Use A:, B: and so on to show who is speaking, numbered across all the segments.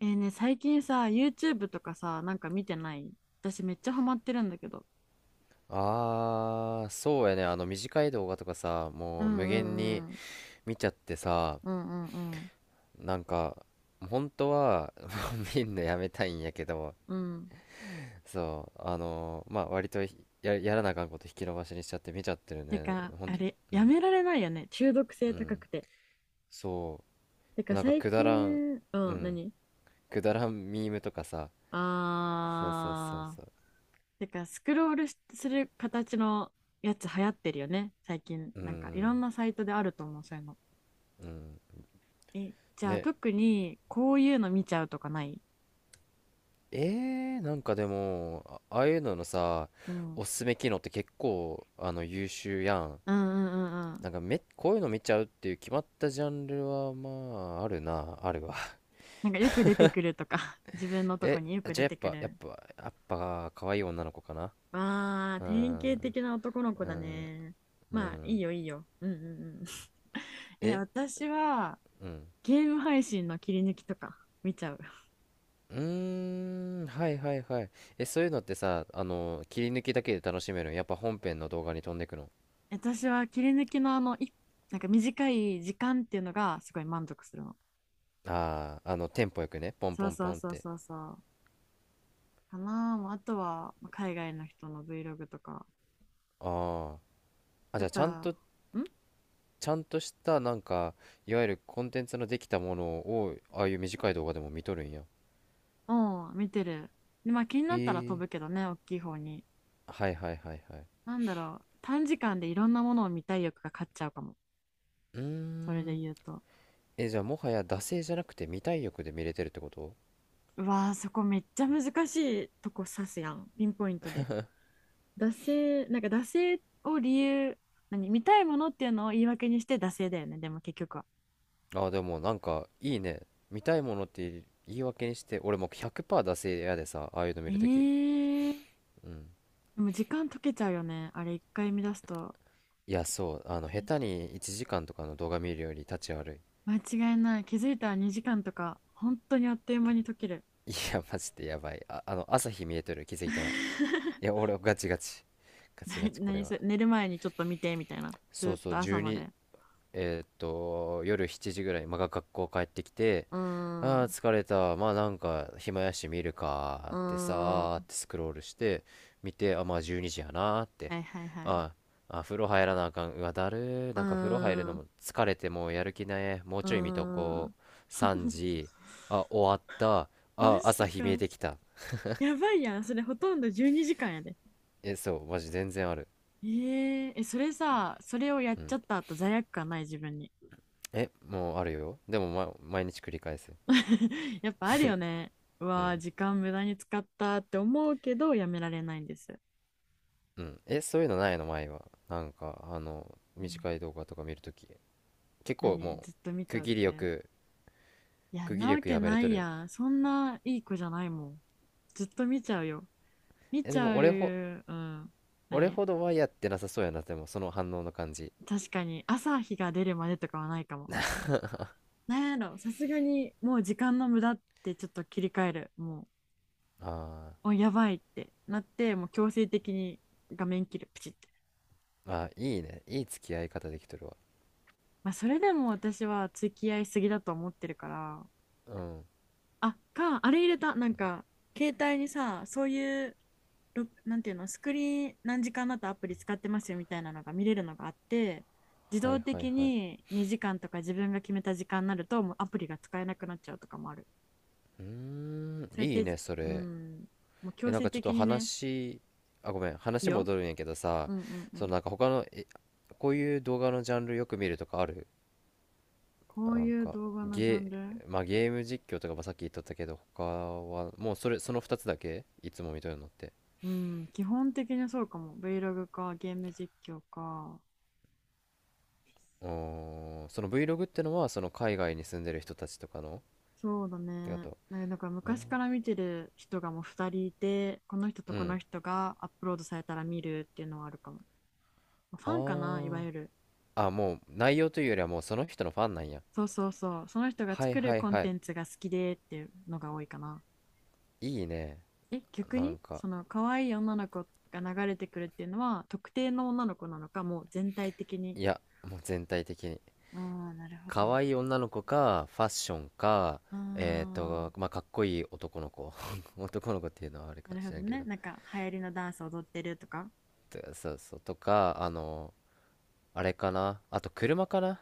A: 最近さ、YouTube とかさ、なんか見てない？私めっちゃハマってるんだけど。
B: ああ、そうやね。あの短い動画とかさ、
A: うん
B: もう
A: う
B: 無限
A: んう
B: に
A: ん
B: 見ちゃってさ、
A: うんうんうん
B: なんか、本当は 見んのやめたいんやけど、
A: うん。
B: そう、まあ割とやらなあかんこと引き延ばしにしちゃって見ちゃってる
A: て
B: ね。
A: か、
B: ほん
A: あ
B: と、
A: れ、
B: う
A: や
B: ん、
A: められないよね。中毒
B: う
A: 性高
B: ん。
A: くて。
B: そ
A: て
B: う。
A: か、
B: なんか
A: 最
B: くだらん、
A: 近、う
B: う
A: ん、
B: ん。
A: 何？
B: くだらんミームとかさ、そうそうそう
A: あ
B: そ
A: ー。
B: う。
A: てか、スクロールする形のやつ流行ってるよね。最近、
B: う
A: なんかいろ
B: ん、
A: んなサイトであると思う、そういうの。
B: うん。
A: え、じゃあ
B: ね。
A: 特にこういうの見ちゃうとかない？
B: なんかでも、ああいうののさ、
A: う
B: お
A: ん
B: すすめ機能って結構、優秀やん。
A: うんうんうん。
B: なんかめ、こういうの見ちゃうっていう決まったジャンルは、まあ、あるな、あるわ。
A: なんかよく出てくるとか、自分の とこ
B: え、
A: によく出
B: じゃあやっ
A: てく
B: ぱ、やっ
A: る。
B: ぱ、やっぱ、可愛い女の子かな。
A: わあ、
B: うー
A: 典
B: ん、
A: 型
B: う
A: 的な男の子
B: ー
A: だ
B: ん、
A: ね。
B: う
A: まあ、いい
B: ん。
A: よ、いいよ。うんうんうん。え、
B: え、
A: 私は、
B: うん。
A: ゲーム配信の切り抜きとか見ちゃう。
B: うーん、はいはいはい。え、そういうのってさ、切り抜きだけで楽しめるのやっぱ本編の動画に飛んでくの。
A: 私は切り抜きのあの、い、なんか短い時間っていうのがすごい満足するの。
B: ああー、テンポよくね、ポン
A: そう
B: ポン
A: そ
B: ポ
A: う
B: ンっ
A: そう
B: て。
A: そうそう。かなあ、もうあとは、まあ海外の人の Vlog とか。
B: ああ。あ、
A: や
B: じ
A: っ
B: ゃあちゃん
A: ぱ、
B: と
A: ん
B: ちゃんとしたなんかいわゆるコンテンツのできたものをああいう短い動画でも見とるんや。
A: うん、見てる。で、まあ気に
B: え
A: なったら飛
B: ー、
A: ぶけどね、大きい方に。
B: はいはいはいはい。
A: なんだろう、短時間でいろんなものを見たい欲が勝っちゃうかも。
B: うー
A: それで
B: ん。
A: 言うと。
B: え、じゃあもはや惰性じゃなくて見たい欲で見れてるってこと。
A: うわー、そこめっちゃ難しいとこ指すやん、ピンポイントで。惰性、なんか惰性を理由、何、見たいものっていうのを言い訳にして惰性だよね、でも結局は。
B: あーでもなんかいいね。見たいものって言い訳にして俺もう100%惰性やでさ、ああいうの見
A: え
B: るとき。
A: ー、
B: うん、
A: でも時間解けちゃうよね、あれ一回見出すと。
B: いやそう、下手に1時間とかの動画見るより立ち悪
A: 間違いない、気づいたら2時間とか、本当にあっという間に解ける。
B: い。いやマジでやばい。あ、朝日見えとる、気づいたら。いや俺ガチガチガチガ チこれ
A: 何そ
B: は。
A: れ、寝る前にちょっと見てみたいな。
B: そう
A: ずっ
B: そ
A: と
B: う、
A: 朝ま
B: 12、
A: で。
B: 夜7時ぐらい、まあ、が学校帰ってきて、
A: うーん、
B: ああ、
A: う
B: 疲れた。まあなんか、暇やし見るか
A: ー
B: ーってさーっ
A: ん。
B: てスクロールして、見て、あ、まあ12時やなーって。
A: はいはいはい。
B: あーあ、風呂入らなあかん。うわ、だるー。
A: うー
B: なんか風呂入る
A: ん、
B: の
A: う
B: も疲れてもうやる気ない。もう
A: ー
B: ちょい見とこ
A: ん。
B: う。3時。あ、終わった。
A: マ
B: あ、
A: ジ
B: 朝日見え
A: か。
B: てきた。
A: やばいやん。それほとんど12時間やで。
B: え、そう、マジ全然ある。
A: えー、え、それさ、それをやっ
B: う
A: ち
B: ん。
A: ゃった後罪悪感ない？自分に。
B: え、もうあるよ。でも、ま、毎日繰り返す。
A: やっぱあるよね。う
B: う
A: わー、
B: ん。
A: 時間無駄に使ったって思うけど、やめられないんです。
B: うん。え、そういうのないの前は。なんか、
A: うん？
B: 短い動画とか見るとき。結構
A: 何
B: も
A: ずっと見
B: う、
A: ちゃうって？いや、ん
B: 区切り
A: な
B: よ
A: わ
B: く
A: け
B: やめれ
A: な
B: と
A: い
B: る。
A: やん。そんないい子じゃないもん。ずっと見ちゃうよ。見
B: え、
A: ち
B: で
A: ゃ
B: も
A: う、うん。
B: 俺
A: 何？
B: ほどはやってなさそうやな、でも、その反応の感じ。
A: 確かに、朝日が出るまでとかはないかも。なんやろ、さすがにもう時間の無駄ってちょっと切り替えるも、
B: あ
A: うおやばいってなってもう強制的に画面切るプチって、
B: ーあ、いいね。いい付き合い方できとるわ。
A: まあ、それでも私は付き合いすぎだと思ってるから、
B: うん。
A: あかあれ入れたなんか携帯にさ、そういう、ろ、なんていうの、スクリーン何時間だとアプリ使ってますよみたいなのが見れるのがあって、自
B: は
A: 動
B: いはい
A: 的
B: はい。
A: に2時間とか自分が決めた時間になるともうアプリが使えなくなっちゃうとかもある。
B: うーん、
A: そうやっ
B: いい
A: て、
B: ね、そ
A: う
B: れ。
A: ん、もう
B: え、
A: 強
B: なん
A: 制
B: かちょっ
A: 的
B: と
A: にね。
B: 話、あ、ごめん、
A: いい
B: 話
A: よ？
B: 戻るんやけどさ、
A: うんうんう
B: そ
A: ん。
B: のなんか他の、え、こういう動画のジャンルよく見るとかある。
A: こう
B: なん
A: いう
B: か
A: 動画のジャン
B: ゲ
A: ル？
B: まあ、ゲーム実況とかばさっき言っとったけど、他はもうその2つだけいつも見とるのって。
A: うん、基本的にそうかも。 Vlog かゲーム実況か。
B: うーん、その Vlog ってのはその海外に住んでる人たちとかの
A: そうだ
B: ってか
A: ね、
B: と。
A: なんかなんか
B: あー、
A: 昔から見てる人がもう2人いて、この人と
B: う
A: この
B: ん。
A: 人がアップロードされたら見るっていうのはあるかも。フ
B: あ
A: ァンかな、いわ
B: ー。
A: ゆる。
B: あもう内容というよりはもうその人のファンなんや。
A: そうそうそう、その人が
B: はい
A: 作る
B: はい
A: コン
B: は
A: テ
B: い。
A: ンツが好きでっていうのが多いかな。
B: いいね。
A: え、逆
B: な
A: に
B: んか、
A: その可愛い女の子が流れてくるっていうのは特定の女の子なの？かもう全体的に？
B: いや、もう全体的に。
A: ああ、なるほど。
B: 可
A: あ
B: 愛い女の子かファッションか、
A: あ、
B: えっーとまあかっこいい男の子、 男の子っていうのはあれ
A: な
B: かも
A: る
B: し
A: ほど
B: れんけ
A: ね。
B: ど、
A: なんか流行りのダンス踊ってるとか。
B: とそうそう、とかあれかなあ、と車かな。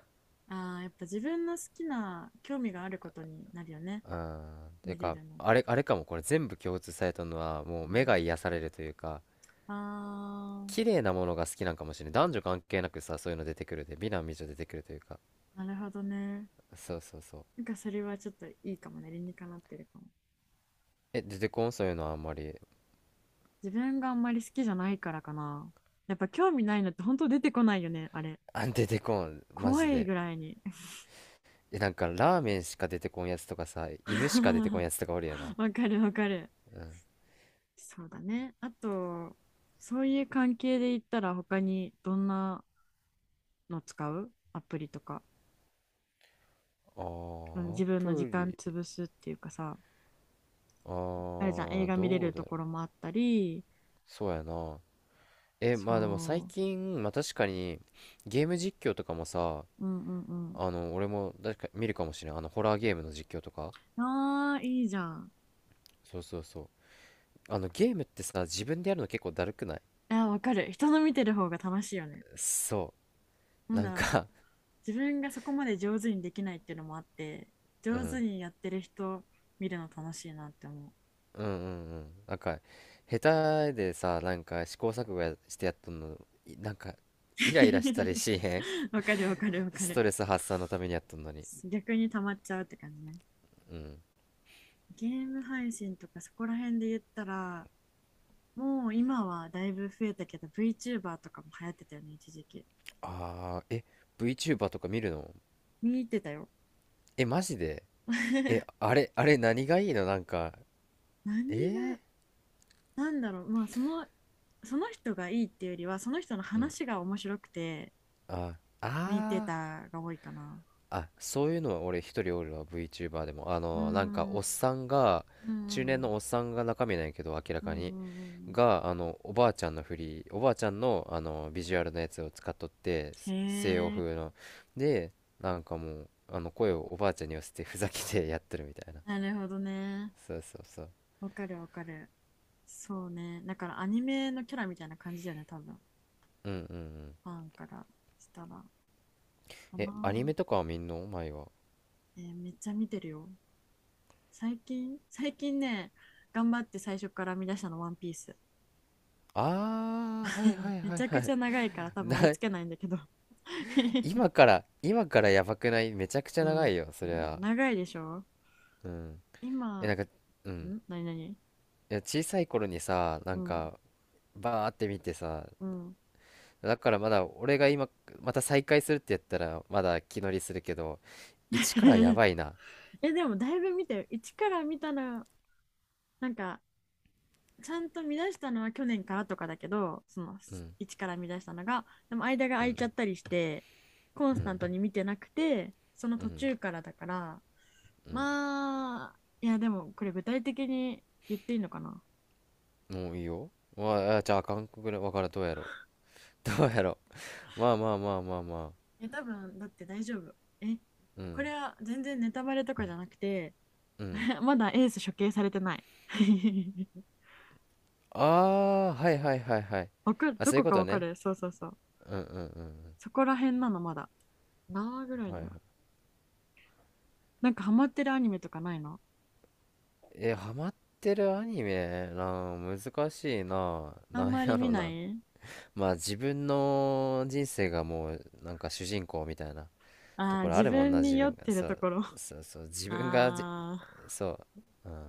A: ああ、やっぱ自分の好きな興味があることになるよね。
B: うん、て
A: 見れ
B: か
A: るのって。
B: あれかも。これ全部共通されたのはも
A: う
B: う目が
A: ん、
B: 癒されるというか、
A: あ
B: 綺麗なものが好きなんかもしれない。男女関係なくさ、そういうの出てくるで美男美女出てくるというか。
A: あ、なるほどね。
B: そうそうそう。
A: なんかそれはちょっといいかもね。理にかなってるかも。
B: え、出てこん、そういうのはあんまり。
A: 自分があんまり好きじゃないからかな。やっぱ興味ないのって本当出てこないよね、あれ。
B: あ、出てこんマ
A: 怖
B: ジ
A: い
B: で。
A: ぐらいに。
B: え、なんかラーメンしか出てこんやつとかさ、犬しか出てこん やつとかおるやな。
A: わかるわかる。
B: うん。
A: そうだね。あと、そういう関係で言ったら他にどんなの使うアプリとか。
B: あーア
A: 自分の時
B: プ
A: 間
B: リ。
A: 潰すっていうかさ、
B: あ
A: あれじゃん、映
B: ー
A: 画見れ
B: ど
A: る
B: うだ
A: と
B: ろ
A: ころも
B: う。
A: あったり、
B: そうやな。え、まあでも最
A: そ
B: 近、まあ確かに、ゲーム実況とかもさ、
A: う、うんうん
B: 俺も確か見るかもしれない。ホラーゲームの実況とか。
A: うん。ああ、いいじゃん。
B: そうそうそう。ゲームってさ、自分でやるの結構だるくない。
A: いや、わかる。人の見てる方が楽しいよね。
B: そう。
A: なん
B: なん
A: だろう。
B: か、
A: 自分がそこまで上手にできないっていうのもあって、
B: う
A: 上手
B: ん。
A: にやってる人見るの楽しいなって思う。
B: うんうんうん。なんか、下手でさ、なんか試行錯誤やしてやっとんの、なんか、イライラしたり しへん。
A: わかるわかるわ か
B: ス
A: る。
B: トレス発散のためにやっとんのに。
A: 逆に溜まっちゃうって感じね。
B: うん。
A: ゲーム配信とかそこら辺で言ったら、もう今はだいぶ増えたけど、VTuber とかも流行ってたよね、一時期。
B: あー、え、VTuber とか見るの。
A: 見に行ってたよ。
B: え、マジで。え、あれ何がいいのなんか、
A: 何が、
B: えー、
A: なんだろう、まあその、その人がいいっていうよりは、その人の話が面白くて、
B: あ、
A: 見て
B: あー
A: たが多いかな。
B: あ、そういうのは俺一人おるわ、VTuber でも。
A: うーん、う
B: なんか
A: ん
B: おっさんが、
A: う
B: 中年
A: ん
B: のおっさんが中身なんやけど、明ら
A: うん、う
B: かに。
A: んうんうん
B: が、おばあちゃんの、ビジュアルのやつを使っとって、
A: うん。
B: 西洋
A: へえ、
B: 風の。で、なんかもう、声をおばあちゃんに寄せてふざけてやってるみたいな。
A: なるほどね。
B: そうそうそう。
A: わかるわかる。そうね。だからアニメのキャラみたいな感じだよね、多分。
B: うんうんうん。
A: ファンからしたら。かな。
B: え、アニメとかは見んの前は。
A: えーめっちゃ見てるよ。最近、最近ね、頑張って最初から編み出したの、ワンピース。
B: あー、はいはい
A: め
B: は
A: ち
B: い
A: ゃ
B: は
A: くち
B: い。
A: ゃ長いから 多分
B: な、
A: 追いつけないんだけど
B: 今 から、今からやばくない。めちゃくちゃ
A: う
B: 長
A: ん、
B: いよ、そりゃ。
A: 長いでしょ。
B: うん。
A: 今、
B: え、なんか、うん。
A: ん何何、
B: いや、小さい頃にさ、な
A: う
B: ん
A: ん、
B: か、バーって見てさ、
A: うん
B: だからまだ、俺が今、また再会するってやったら、まだ気乗りするけど、一からや ばいな。
A: え、でもだいぶ見てよ、一から見たら、なんか、ちゃんと見出したのは去年からとかだけど、その、
B: うん、
A: 一から見出したのが、でも間が
B: う
A: 空い
B: ん、
A: ちゃったりして、コン
B: う
A: スタン
B: ん、
A: トに見てなくて、その
B: う
A: 途
B: ん、
A: 中からだから、
B: うん。
A: まあ、いや、でも、これ具体的に言っていいのかな？
B: もういいよ。まあ、じゃあ、韓国語わからん、どうやろう。まあまあまあまあまあ。
A: いや、多分、だって大丈夫。え、
B: う
A: こ
B: ん、
A: れは全然ネタバレとかじゃなくて、
B: うん。
A: まだエース処刑されてない。
B: ああ、はいはいはいはい。
A: わかる、
B: あ、
A: ど
B: そういう
A: こ
B: こ
A: か
B: と
A: わか
B: ね。
A: る、そうそうそう。
B: うんうんうん
A: そこら辺なの、まだ。何話ぐら
B: う
A: い
B: ん。は
A: だ
B: い
A: ろ
B: はい。
A: う。なんかハマってるアニメとかないの？
B: え、ハマってるアニメなあ、難しいなあ。
A: あ
B: な
A: ん
B: ん
A: まり
B: や
A: 見
B: ろ
A: な
B: な。
A: い。
B: まあ自分の人生がもうなんか主人公みたいなと
A: ああー、
B: ころあ
A: 自
B: るもんな、
A: 分に
B: 自
A: 酔っ
B: 分が。
A: てる
B: そ
A: と
B: う、
A: ころ。
B: そうそう、
A: あ
B: 自分がじ、
A: あ、
B: そう、うん。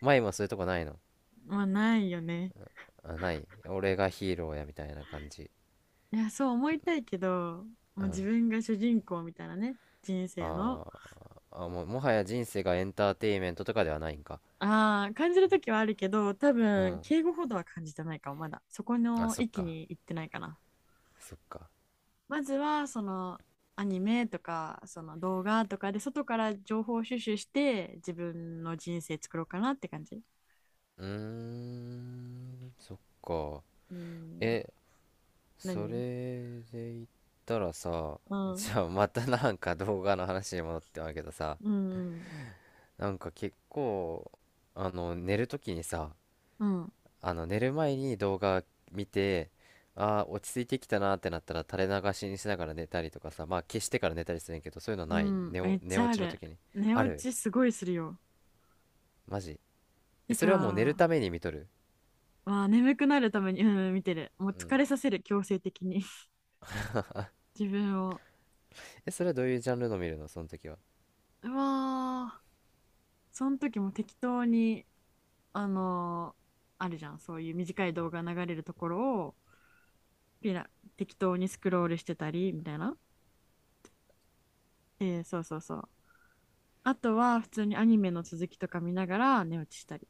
B: 前もそういうとこないの。
A: まあないよね。
B: あ、ない。俺がヒーローやみたいな感じ。
A: いや、そう思いたいけど、も
B: う
A: う自
B: ん。
A: 分が主人公みたいなね、人生の。
B: あーあ、もう、もはや人生がエンターテインメントとかではないんか。
A: ああ、感じるときはあるけど、多
B: う
A: 分、
B: ん。
A: 敬語ほどは感じてないかも、まだ。そこ
B: あ、
A: の
B: そっ
A: 域
B: か。
A: に行ってないかな。
B: そっか。
A: まずは、その、アニメとか、その動画とかで、外から情報収集して、自分の人生作ろうかなって感じ。
B: うーん、そっか。
A: うん。
B: え、そ
A: 何？
B: れで言ったらさ、
A: う ん。
B: じゃあまたなんか動画の話に戻ってまうけどさ、
A: うん。
B: なんか結構、寝るときにさ、
A: うん。
B: 寝る前に動画見て、ああ、落ち着いてきたなーってなったら垂れ流しにしながら寝たりとかさ、まあ消してから寝たりするんやけど、そういうの
A: う
B: ない。
A: ん。めっ
B: 寝
A: ちゃ
B: 落
A: あ
B: ちの
A: る。
B: 時に。
A: 寝
B: あ
A: 落
B: る
A: ちすごいするよ。
B: マジ。え、
A: て
B: それはもう寝る
A: か、
B: ために見とる。
A: まあ、眠くなるために、うん、見てる。もう
B: うん。
A: 疲れさせる、強制的に。自分を。
B: え、それはどういうジャンルの見るのその時は。
A: うわー。その時も適当に、あのーあるじゃん、そういう短い動画流れるところを、ピラ、適当にスクロールしてたり、みたいな。えーそうそうそう。あとは、普通にアニメの続きとか見ながら寝落ちしたり。